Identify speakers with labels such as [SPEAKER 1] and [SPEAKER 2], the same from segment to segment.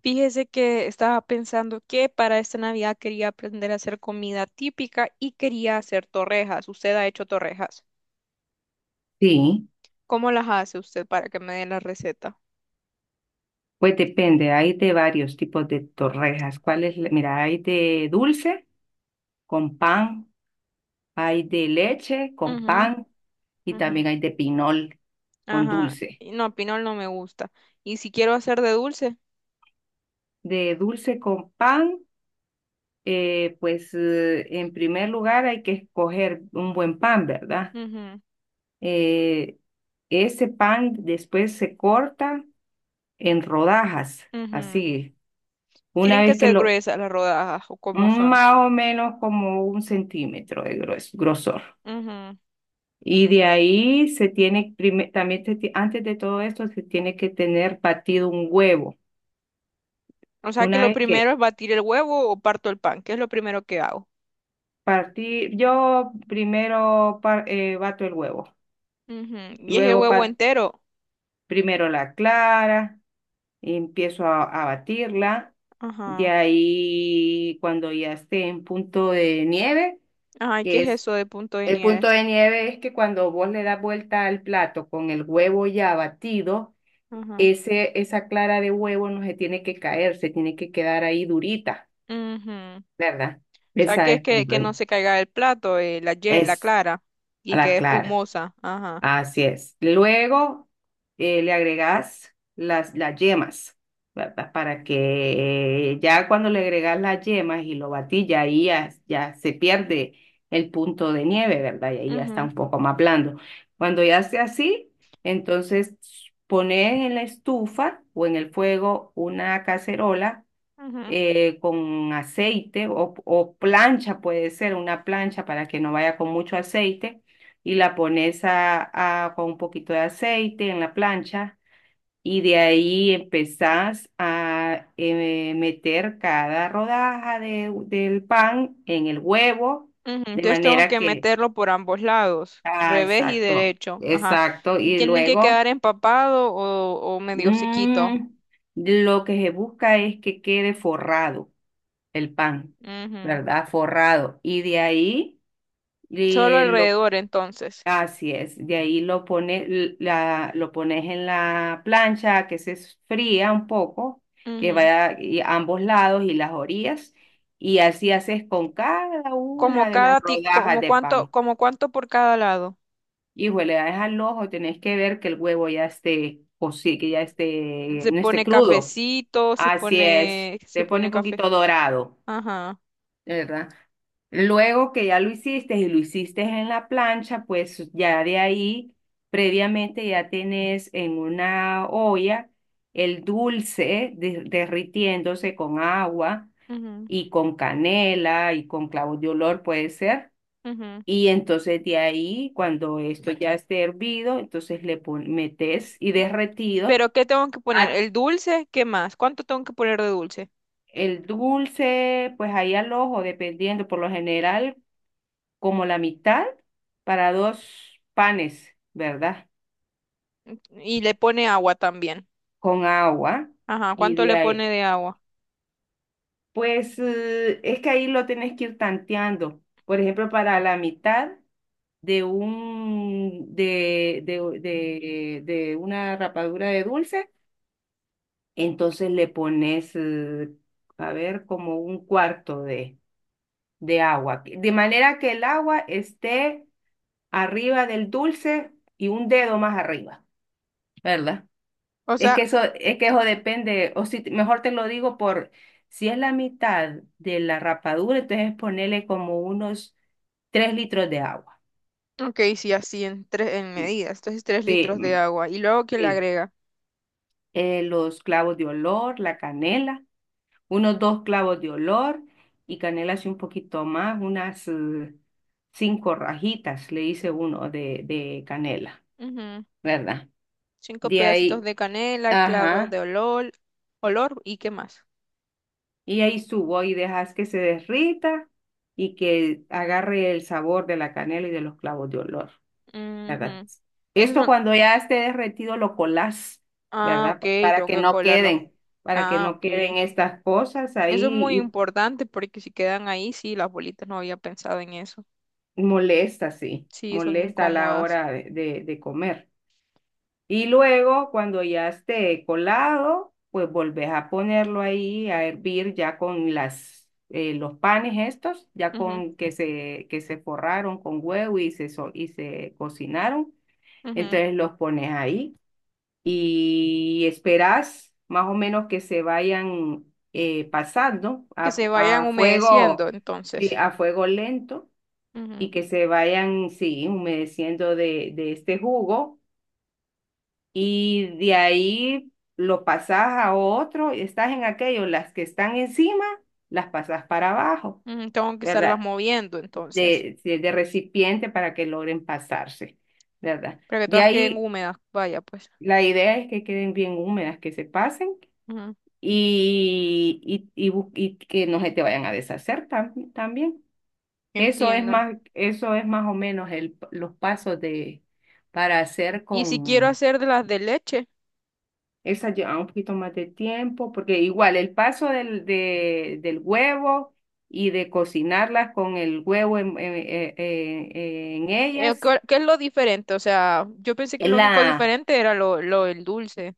[SPEAKER 1] Fíjese que estaba pensando que para esta Navidad quería aprender a hacer comida típica y quería hacer torrejas. Usted ha hecho torrejas.
[SPEAKER 2] Sí,
[SPEAKER 1] ¿Cómo las hace usted para que me dé la receta?
[SPEAKER 2] pues depende, hay de varios tipos de torrejas. ¿Cuál es? Mira, hay de dulce con pan, hay de leche con
[SPEAKER 1] Ujú,
[SPEAKER 2] pan y
[SPEAKER 1] ujú.
[SPEAKER 2] también hay de pinol con
[SPEAKER 1] Ajá.
[SPEAKER 2] dulce.
[SPEAKER 1] Y no, pinol no me gusta. ¿Y si quiero hacer de dulce?
[SPEAKER 2] De dulce con pan, pues en primer lugar hay que escoger un buen pan, ¿verdad? Eh, ese pan después se corta en rodajas,
[SPEAKER 1] Ujú, ujú.
[SPEAKER 2] así, una
[SPEAKER 1] ¿Tienen que
[SPEAKER 2] vez que
[SPEAKER 1] ser
[SPEAKER 2] lo,
[SPEAKER 1] gruesas las rodajas o cómo son?
[SPEAKER 2] más o menos como un centímetro de grosor.
[SPEAKER 1] Ujú.
[SPEAKER 2] Y de ahí se tiene, prime- también se ti- antes de todo esto, se tiene que tener batido un huevo.
[SPEAKER 1] O sea que
[SPEAKER 2] Una
[SPEAKER 1] lo
[SPEAKER 2] vez
[SPEAKER 1] primero
[SPEAKER 2] que
[SPEAKER 1] es batir el huevo o parto el pan, que es lo primero que hago.
[SPEAKER 2] partí, yo primero bato el huevo,
[SPEAKER 1] Ujú. ¿Y es el
[SPEAKER 2] luego
[SPEAKER 1] huevo entero?
[SPEAKER 2] primero la clara, y empiezo a batirla. De
[SPEAKER 1] Ajá.
[SPEAKER 2] ahí, cuando ya esté en punto de nieve,
[SPEAKER 1] Ay, ¿qué
[SPEAKER 2] que
[SPEAKER 1] es
[SPEAKER 2] es,
[SPEAKER 1] eso de punto de
[SPEAKER 2] el punto
[SPEAKER 1] nieve?
[SPEAKER 2] de nieve es que cuando vos le das vuelta al plato con el huevo ya batido,
[SPEAKER 1] Ajá.
[SPEAKER 2] esa clara de huevo no se tiene que caer, se tiene que quedar ahí durita,
[SPEAKER 1] Ujú. O
[SPEAKER 2] ¿verdad?
[SPEAKER 1] sea,
[SPEAKER 2] Esa
[SPEAKER 1] que es
[SPEAKER 2] es
[SPEAKER 1] que
[SPEAKER 2] pompones.
[SPEAKER 1] no se caiga el plato, la
[SPEAKER 2] Es
[SPEAKER 1] clara, y que
[SPEAKER 2] la
[SPEAKER 1] es
[SPEAKER 2] clara.
[SPEAKER 1] espumosa. Ajá.
[SPEAKER 2] Así es. Luego le agregas las yemas, ¿verdad? Para que ya cuando le agregas las yemas y lo batís, ya ahí ya se pierde el punto de nieve, ¿verdad? Y ahí ya está
[SPEAKER 1] Ujú,
[SPEAKER 2] un poco más blando. Cuando ya esté así, entonces pones en la estufa o en el fuego una cacerola
[SPEAKER 1] ujú,
[SPEAKER 2] con aceite o plancha, puede ser una plancha para que no vaya con mucho aceite, y la pones con un poquito de aceite en la plancha y de ahí empezás a meter cada rodaja del pan en el huevo,
[SPEAKER 1] ujú.
[SPEAKER 2] de
[SPEAKER 1] Entonces tengo
[SPEAKER 2] manera
[SPEAKER 1] que
[SPEAKER 2] que,
[SPEAKER 1] meterlo por ambos lados,
[SPEAKER 2] ah,
[SPEAKER 1] revés y
[SPEAKER 2] exacto,
[SPEAKER 1] derecho. Ajá.
[SPEAKER 2] exacto,
[SPEAKER 1] Y
[SPEAKER 2] y
[SPEAKER 1] tiene que quedar
[SPEAKER 2] luego,
[SPEAKER 1] empapado o medio sequito.
[SPEAKER 2] mm, lo que se busca es que quede forrado el pan,
[SPEAKER 1] Ujú.
[SPEAKER 2] ¿verdad? Forrado. Y de ahí
[SPEAKER 1] Solo
[SPEAKER 2] lo
[SPEAKER 1] alrededor, entonces.
[SPEAKER 2] así es, de ahí lo pones en la plancha que se fría un poco, que
[SPEAKER 1] Ujú.
[SPEAKER 2] vaya y ambos lados y las orillas, y así haces con cada una de las rodajas
[SPEAKER 1] Como
[SPEAKER 2] de
[SPEAKER 1] cuánto,
[SPEAKER 2] pan.
[SPEAKER 1] como cuánto por cada lado.
[SPEAKER 2] Hijo, le das al ojo, tenés que ver que el huevo ya esté, o sí, que ya esté,
[SPEAKER 1] Se
[SPEAKER 2] no esté
[SPEAKER 1] pone
[SPEAKER 2] crudo.
[SPEAKER 1] cafecito, se
[SPEAKER 2] Así es,
[SPEAKER 1] pone, se
[SPEAKER 2] te pone
[SPEAKER 1] pone
[SPEAKER 2] un
[SPEAKER 1] café.
[SPEAKER 2] poquito dorado.
[SPEAKER 1] Ajá.
[SPEAKER 2] De ¿Verdad? Luego que ya lo hiciste y lo hiciste en la plancha, pues ya de ahí, previamente ya tenés en una olla el dulce derritiéndose con agua
[SPEAKER 1] Ujú,
[SPEAKER 2] y con canela y con clavo de olor puede ser.
[SPEAKER 1] ujú.
[SPEAKER 2] Y entonces de ahí, cuando esto ya esté hervido, entonces metes y derretido
[SPEAKER 1] Pero ¿qué tengo que poner?
[SPEAKER 2] a
[SPEAKER 1] ¿El dulce? ¿Qué más? ¿Cuánto tengo que poner de dulce?
[SPEAKER 2] el dulce, pues ahí al ojo, dependiendo, por lo general, como la mitad para dos panes, ¿verdad?
[SPEAKER 1] ¿Y le pone agua también?
[SPEAKER 2] Con agua.
[SPEAKER 1] Ajá,
[SPEAKER 2] Y
[SPEAKER 1] ¿cuánto
[SPEAKER 2] de
[SPEAKER 1] le
[SPEAKER 2] ahí,
[SPEAKER 1] pone de agua?
[SPEAKER 2] pues es que ahí lo tenés que ir tanteando. Por ejemplo, para la mitad de un de una rapadura de dulce, entonces le pones, a ver, como un cuarto de agua. De manera que el agua esté arriba del dulce y un dedo más arriba, ¿verdad?
[SPEAKER 1] O sea,
[SPEAKER 2] Es que eso depende, o si mejor te lo digo por, si es la mitad de la rapadura, entonces ponerle como unos 3 litros de agua.
[SPEAKER 1] ok, sí, así en, tres, en medidas. Entonces, tres
[SPEAKER 2] Sí,
[SPEAKER 1] litros de
[SPEAKER 2] mm,
[SPEAKER 1] agua. Y luego, ¿qué le
[SPEAKER 2] sí.
[SPEAKER 1] agrega?
[SPEAKER 2] Los clavos de olor, la canela, unos dos clavos de olor y canela así un poquito más, unas cinco rajitas, le hice uno de canela,
[SPEAKER 1] Ujú.
[SPEAKER 2] ¿verdad?
[SPEAKER 1] ¿Cinco
[SPEAKER 2] De
[SPEAKER 1] pedacitos
[SPEAKER 2] ahí,
[SPEAKER 1] de canela, clavos de
[SPEAKER 2] ajá.
[SPEAKER 1] olor, olor y qué más?
[SPEAKER 2] Y ahí subo y dejas que se derrita y que agarre el sabor de la canela y de los clavos de olor, ¿verdad?
[SPEAKER 1] Ujú. Esos
[SPEAKER 2] Esto
[SPEAKER 1] son.
[SPEAKER 2] cuando ya esté derretido lo colás,
[SPEAKER 1] Ah,
[SPEAKER 2] ¿verdad?
[SPEAKER 1] ok,
[SPEAKER 2] Para
[SPEAKER 1] tengo
[SPEAKER 2] que
[SPEAKER 1] que
[SPEAKER 2] no
[SPEAKER 1] colarlo.
[SPEAKER 2] queden,
[SPEAKER 1] Ah, ok.
[SPEAKER 2] estas cosas
[SPEAKER 1] Eso es muy
[SPEAKER 2] ahí
[SPEAKER 1] importante porque si quedan ahí, sí, las bolitas no había pensado en eso.
[SPEAKER 2] y molesta, sí,
[SPEAKER 1] Sí, son
[SPEAKER 2] molesta a la
[SPEAKER 1] incómodas.
[SPEAKER 2] hora de, de comer. Y luego, cuando ya esté colado, pues volvés a ponerlo ahí a hervir ya con las, los panes estos, ya
[SPEAKER 1] Ujú,
[SPEAKER 2] con que se forraron con huevo y se cocinaron.
[SPEAKER 1] ujú.
[SPEAKER 2] Entonces los pones ahí y esperás más o menos que se vayan pasando
[SPEAKER 1] Que
[SPEAKER 2] a,
[SPEAKER 1] se vayan
[SPEAKER 2] a fuego,
[SPEAKER 1] humedeciendo,
[SPEAKER 2] sí,
[SPEAKER 1] entonces.
[SPEAKER 2] a fuego lento y
[SPEAKER 1] Ujú,
[SPEAKER 2] que se vayan, sí, humedeciendo de este jugo y de ahí lo pasas a otro, y estás en aquello, las que están encima, las pasas para abajo,
[SPEAKER 1] ujú. Tengo que estarlas
[SPEAKER 2] ¿verdad?
[SPEAKER 1] moviendo, entonces,
[SPEAKER 2] De recipiente para que logren pasarse, ¿verdad?
[SPEAKER 1] para que
[SPEAKER 2] De
[SPEAKER 1] todas queden
[SPEAKER 2] ahí
[SPEAKER 1] húmedas, vaya, pues.
[SPEAKER 2] la idea es que queden bien húmedas, que se pasen
[SPEAKER 1] Ujú.
[SPEAKER 2] y, y que no se te vayan a deshacer también.
[SPEAKER 1] Entiendo.
[SPEAKER 2] Eso es más o menos los pasos para hacer
[SPEAKER 1] Y si quiero
[SPEAKER 2] con.
[SPEAKER 1] hacer de las de leche,
[SPEAKER 2] Esa lleva un poquito más de tiempo, porque igual el paso del huevo y de cocinarlas con el huevo en ellas,
[SPEAKER 1] ¿qué es lo diferente? O sea, yo pensé que
[SPEAKER 2] es
[SPEAKER 1] lo único
[SPEAKER 2] la,
[SPEAKER 1] diferente era lo del dulce,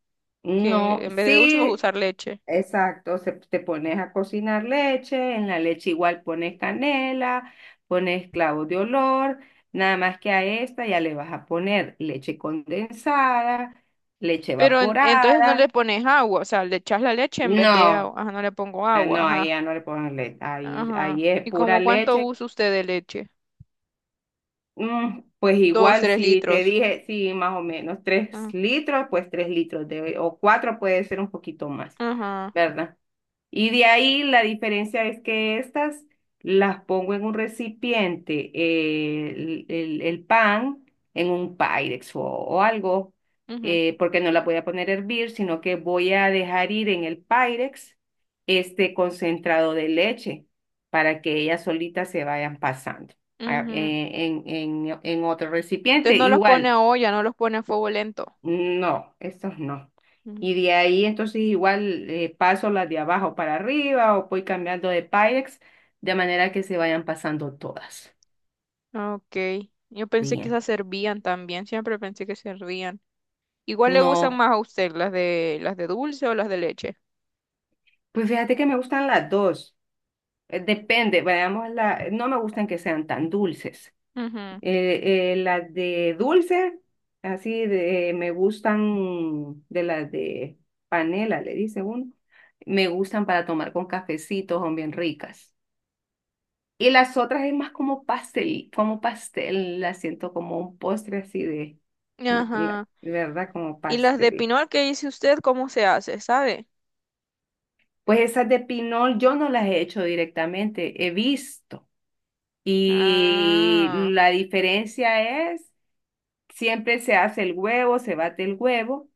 [SPEAKER 1] que
[SPEAKER 2] no,
[SPEAKER 1] en vez de dulce vas a
[SPEAKER 2] sí,
[SPEAKER 1] usar leche.
[SPEAKER 2] exacto, te pones a cocinar leche, en la leche igual pones canela, pones clavo de olor, nada más que a esta ya le vas a poner leche condensada, leche
[SPEAKER 1] Pero entonces no le
[SPEAKER 2] evaporada,
[SPEAKER 1] pones agua, o sea, le echas la leche en vez de
[SPEAKER 2] no.
[SPEAKER 1] agua. Ajá, no le pongo
[SPEAKER 2] Ah,
[SPEAKER 1] agua,
[SPEAKER 2] no, ahí
[SPEAKER 1] ajá.
[SPEAKER 2] ya no le ponen leche, ahí,
[SPEAKER 1] Ajá.
[SPEAKER 2] ahí es
[SPEAKER 1] ¿Y
[SPEAKER 2] pura
[SPEAKER 1] como cuánto
[SPEAKER 2] leche.
[SPEAKER 1] usa usted de leche?
[SPEAKER 2] Mm, pues
[SPEAKER 1] Dos,
[SPEAKER 2] igual,
[SPEAKER 1] tres
[SPEAKER 2] si te
[SPEAKER 1] litros.
[SPEAKER 2] dije, sí, más o menos tres
[SPEAKER 1] Ah.
[SPEAKER 2] litros, pues 3 litros de, o cuatro puede ser un poquito más,
[SPEAKER 1] Ajá.
[SPEAKER 2] ¿verdad? Y de ahí la diferencia es que estas las pongo en un recipiente, el pan en un Pyrex o algo,
[SPEAKER 1] Ujú.
[SPEAKER 2] porque no la voy a poner a hervir, sino que voy a dejar ir en el Pyrex este concentrado de leche para que ellas solitas se vayan pasando ah,
[SPEAKER 1] Ujú.
[SPEAKER 2] en, en otro
[SPEAKER 1] ¿Entonces
[SPEAKER 2] recipiente.
[SPEAKER 1] no los pone
[SPEAKER 2] Igual.
[SPEAKER 1] a olla, no los pone a fuego lento?
[SPEAKER 2] No, esas no.
[SPEAKER 1] Ujú.
[SPEAKER 2] Y de ahí entonces igual paso las de abajo para arriba o voy cambiando de Pyrex de manera que se vayan pasando todas.
[SPEAKER 1] Ok. Yo pensé que
[SPEAKER 2] Bien.
[SPEAKER 1] esas servían también, siempre pensé que servían. ¿Igual le gustan
[SPEAKER 2] No,
[SPEAKER 1] más a usted las de dulce o las de leche?
[SPEAKER 2] pues fíjate que me gustan las dos. Depende, no me gustan que sean tan dulces.
[SPEAKER 1] Ujú.
[SPEAKER 2] Las de dulce, me gustan de las de panela, le dice uno. Me gustan para tomar con cafecitos, son bien ricas. Y las otras es más como pastel, la siento como un postre así de,
[SPEAKER 1] Ajá.
[SPEAKER 2] de verdad, como
[SPEAKER 1] ¿Y las de
[SPEAKER 2] pastel.
[SPEAKER 1] pinol que dice usted cómo se hace, sabe?
[SPEAKER 2] Pues esas de pinol yo no las he hecho directamente, he visto. Y
[SPEAKER 1] Ah.
[SPEAKER 2] la diferencia es, siempre se hace el huevo, se bate el huevo,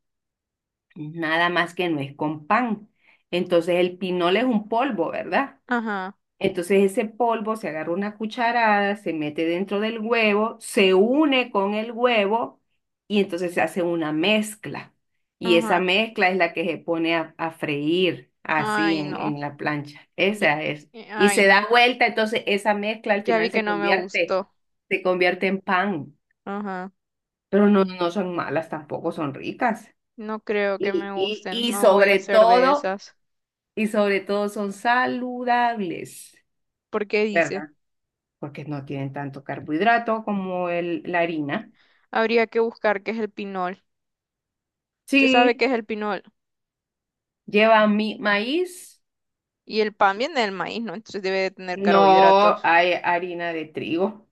[SPEAKER 2] nada más que no es con pan. Entonces el pinol es un polvo, ¿verdad?
[SPEAKER 1] Ajá.
[SPEAKER 2] Entonces ese polvo se agarra una cucharada, se mete dentro del huevo, se une con el huevo y entonces se hace una mezcla. Y esa
[SPEAKER 1] Ajá.
[SPEAKER 2] mezcla es la que se pone a freír así
[SPEAKER 1] Ay, no.
[SPEAKER 2] en la plancha.
[SPEAKER 1] Ya-
[SPEAKER 2] Esa es. Y
[SPEAKER 1] Ay,
[SPEAKER 2] se da
[SPEAKER 1] no.
[SPEAKER 2] vuelta, entonces esa mezcla al
[SPEAKER 1] Ya vi
[SPEAKER 2] final
[SPEAKER 1] que no me gustó.
[SPEAKER 2] se convierte en pan.
[SPEAKER 1] Ajá.
[SPEAKER 2] Pero no, no son malas tampoco, son ricas.
[SPEAKER 1] No creo que me
[SPEAKER 2] Y, y,
[SPEAKER 1] gusten.
[SPEAKER 2] y
[SPEAKER 1] No voy a
[SPEAKER 2] sobre
[SPEAKER 1] hacer de
[SPEAKER 2] todo,
[SPEAKER 1] esas.
[SPEAKER 2] y sobre todo son saludables,
[SPEAKER 1] ¿Por qué dice?
[SPEAKER 2] ¿verdad? Porque no tienen tanto carbohidrato como el, la harina.
[SPEAKER 1] Habría que buscar qué es el pinol. ¿Usted sabe qué
[SPEAKER 2] Sí,
[SPEAKER 1] es el pinol?
[SPEAKER 2] lleva mi maíz,
[SPEAKER 1] Y el pan viene del maíz, ¿no? Entonces debe de tener carbohidratos.
[SPEAKER 2] no hay harina de trigo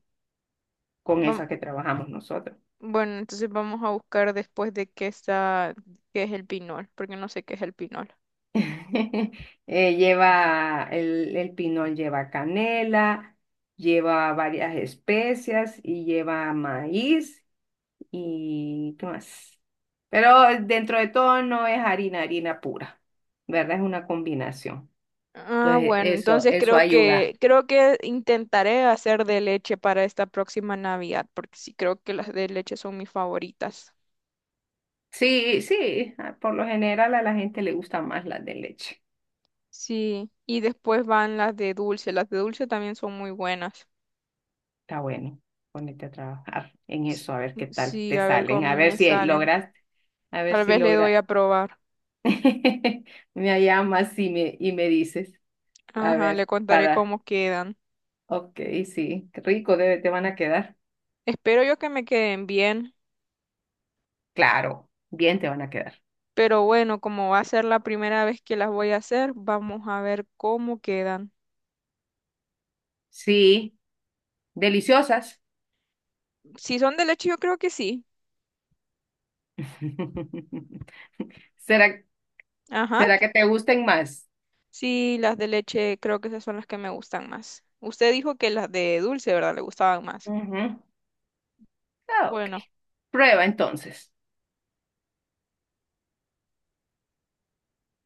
[SPEAKER 2] con
[SPEAKER 1] Vam-
[SPEAKER 2] esa que trabajamos nosotros.
[SPEAKER 1] bueno, entonces vamos a buscar después de qué está, qué es el pinol, porque no sé qué es el pinol.
[SPEAKER 2] El pinol lleva canela, lleva varias especias y lleva maíz y ¿qué más? Pero dentro de todo no es harina, harina pura, ¿verdad? Es una combinación.
[SPEAKER 1] Ah,
[SPEAKER 2] Entonces,
[SPEAKER 1] bueno,
[SPEAKER 2] eso,
[SPEAKER 1] entonces
[SPEAKER 2] eso
[SPEAKER 1] creo
[SPEAKER 2] ayuda.
[SPEAKER 1] que, creo que intentaré hacer de leche para esta próxima Navidad, porque sí creo que las de leche son mis favoritas.
[SPEAKER 2] Sí, sí, ah, por lo general a la gente le gustan más las de leche.
[SPEAKER 1] Sí, y después van las de dulce. Las de dulce también son muy buenas.
[SPEAKER 2] Está bueno, ponete a trabajar en eso, a ver qué tal
[SPEAKER 1] Sí,
[SPEAKER 2] te
[SPEAKER 1] a ver
[SPEAKER 2] salen,
[SPEAKER 1] cómo me salen.
[SPEAKER 2] a ver
[SPEAKER 1] Tal
[SPEAKER 2] si
[SPEAKER 1] vez le doy
[SPEAKER 2] logras.
[SPEAKER 1] a probar.
[SPEAKER 2] Me llamas y me dices, a
[SPEAKER 1] Ajá, le
[SPEAKER 2] ver,
[SPEAKER 1] contaré cómo quedan.
[SPEAKER 2] ok, sí, qué rico, debe, te van a quedar.
[SPEAKER 1] Espero yo que me queden bien,
[SPEAKER 2] Claro, bien te van a quedar.
[SPEAKER 1] pero bueno, como va a ser la primera vez que las voy a hacer, vamos a ver cómo quedan.
[SPEAKER 2] Sí, deliciosas.
[SPEAKER 1] Si son de leche, yo creo que sí.
[SPEAKER 2] ¿Será,
[SPEAKER 1] Ajá,
[SPEAKER 2] será que te gusten más?
[SPEAKER 1] sí, las de leche creo que esas son las que me gustan más. Usted dijo que las de dulce, ¿verdad? Le gustaban más.
[SPEAKER 2] Ujú. Ah, ok,
[SPEAKER 1] Bueno.
[SPEAKER 2] prueba entonces.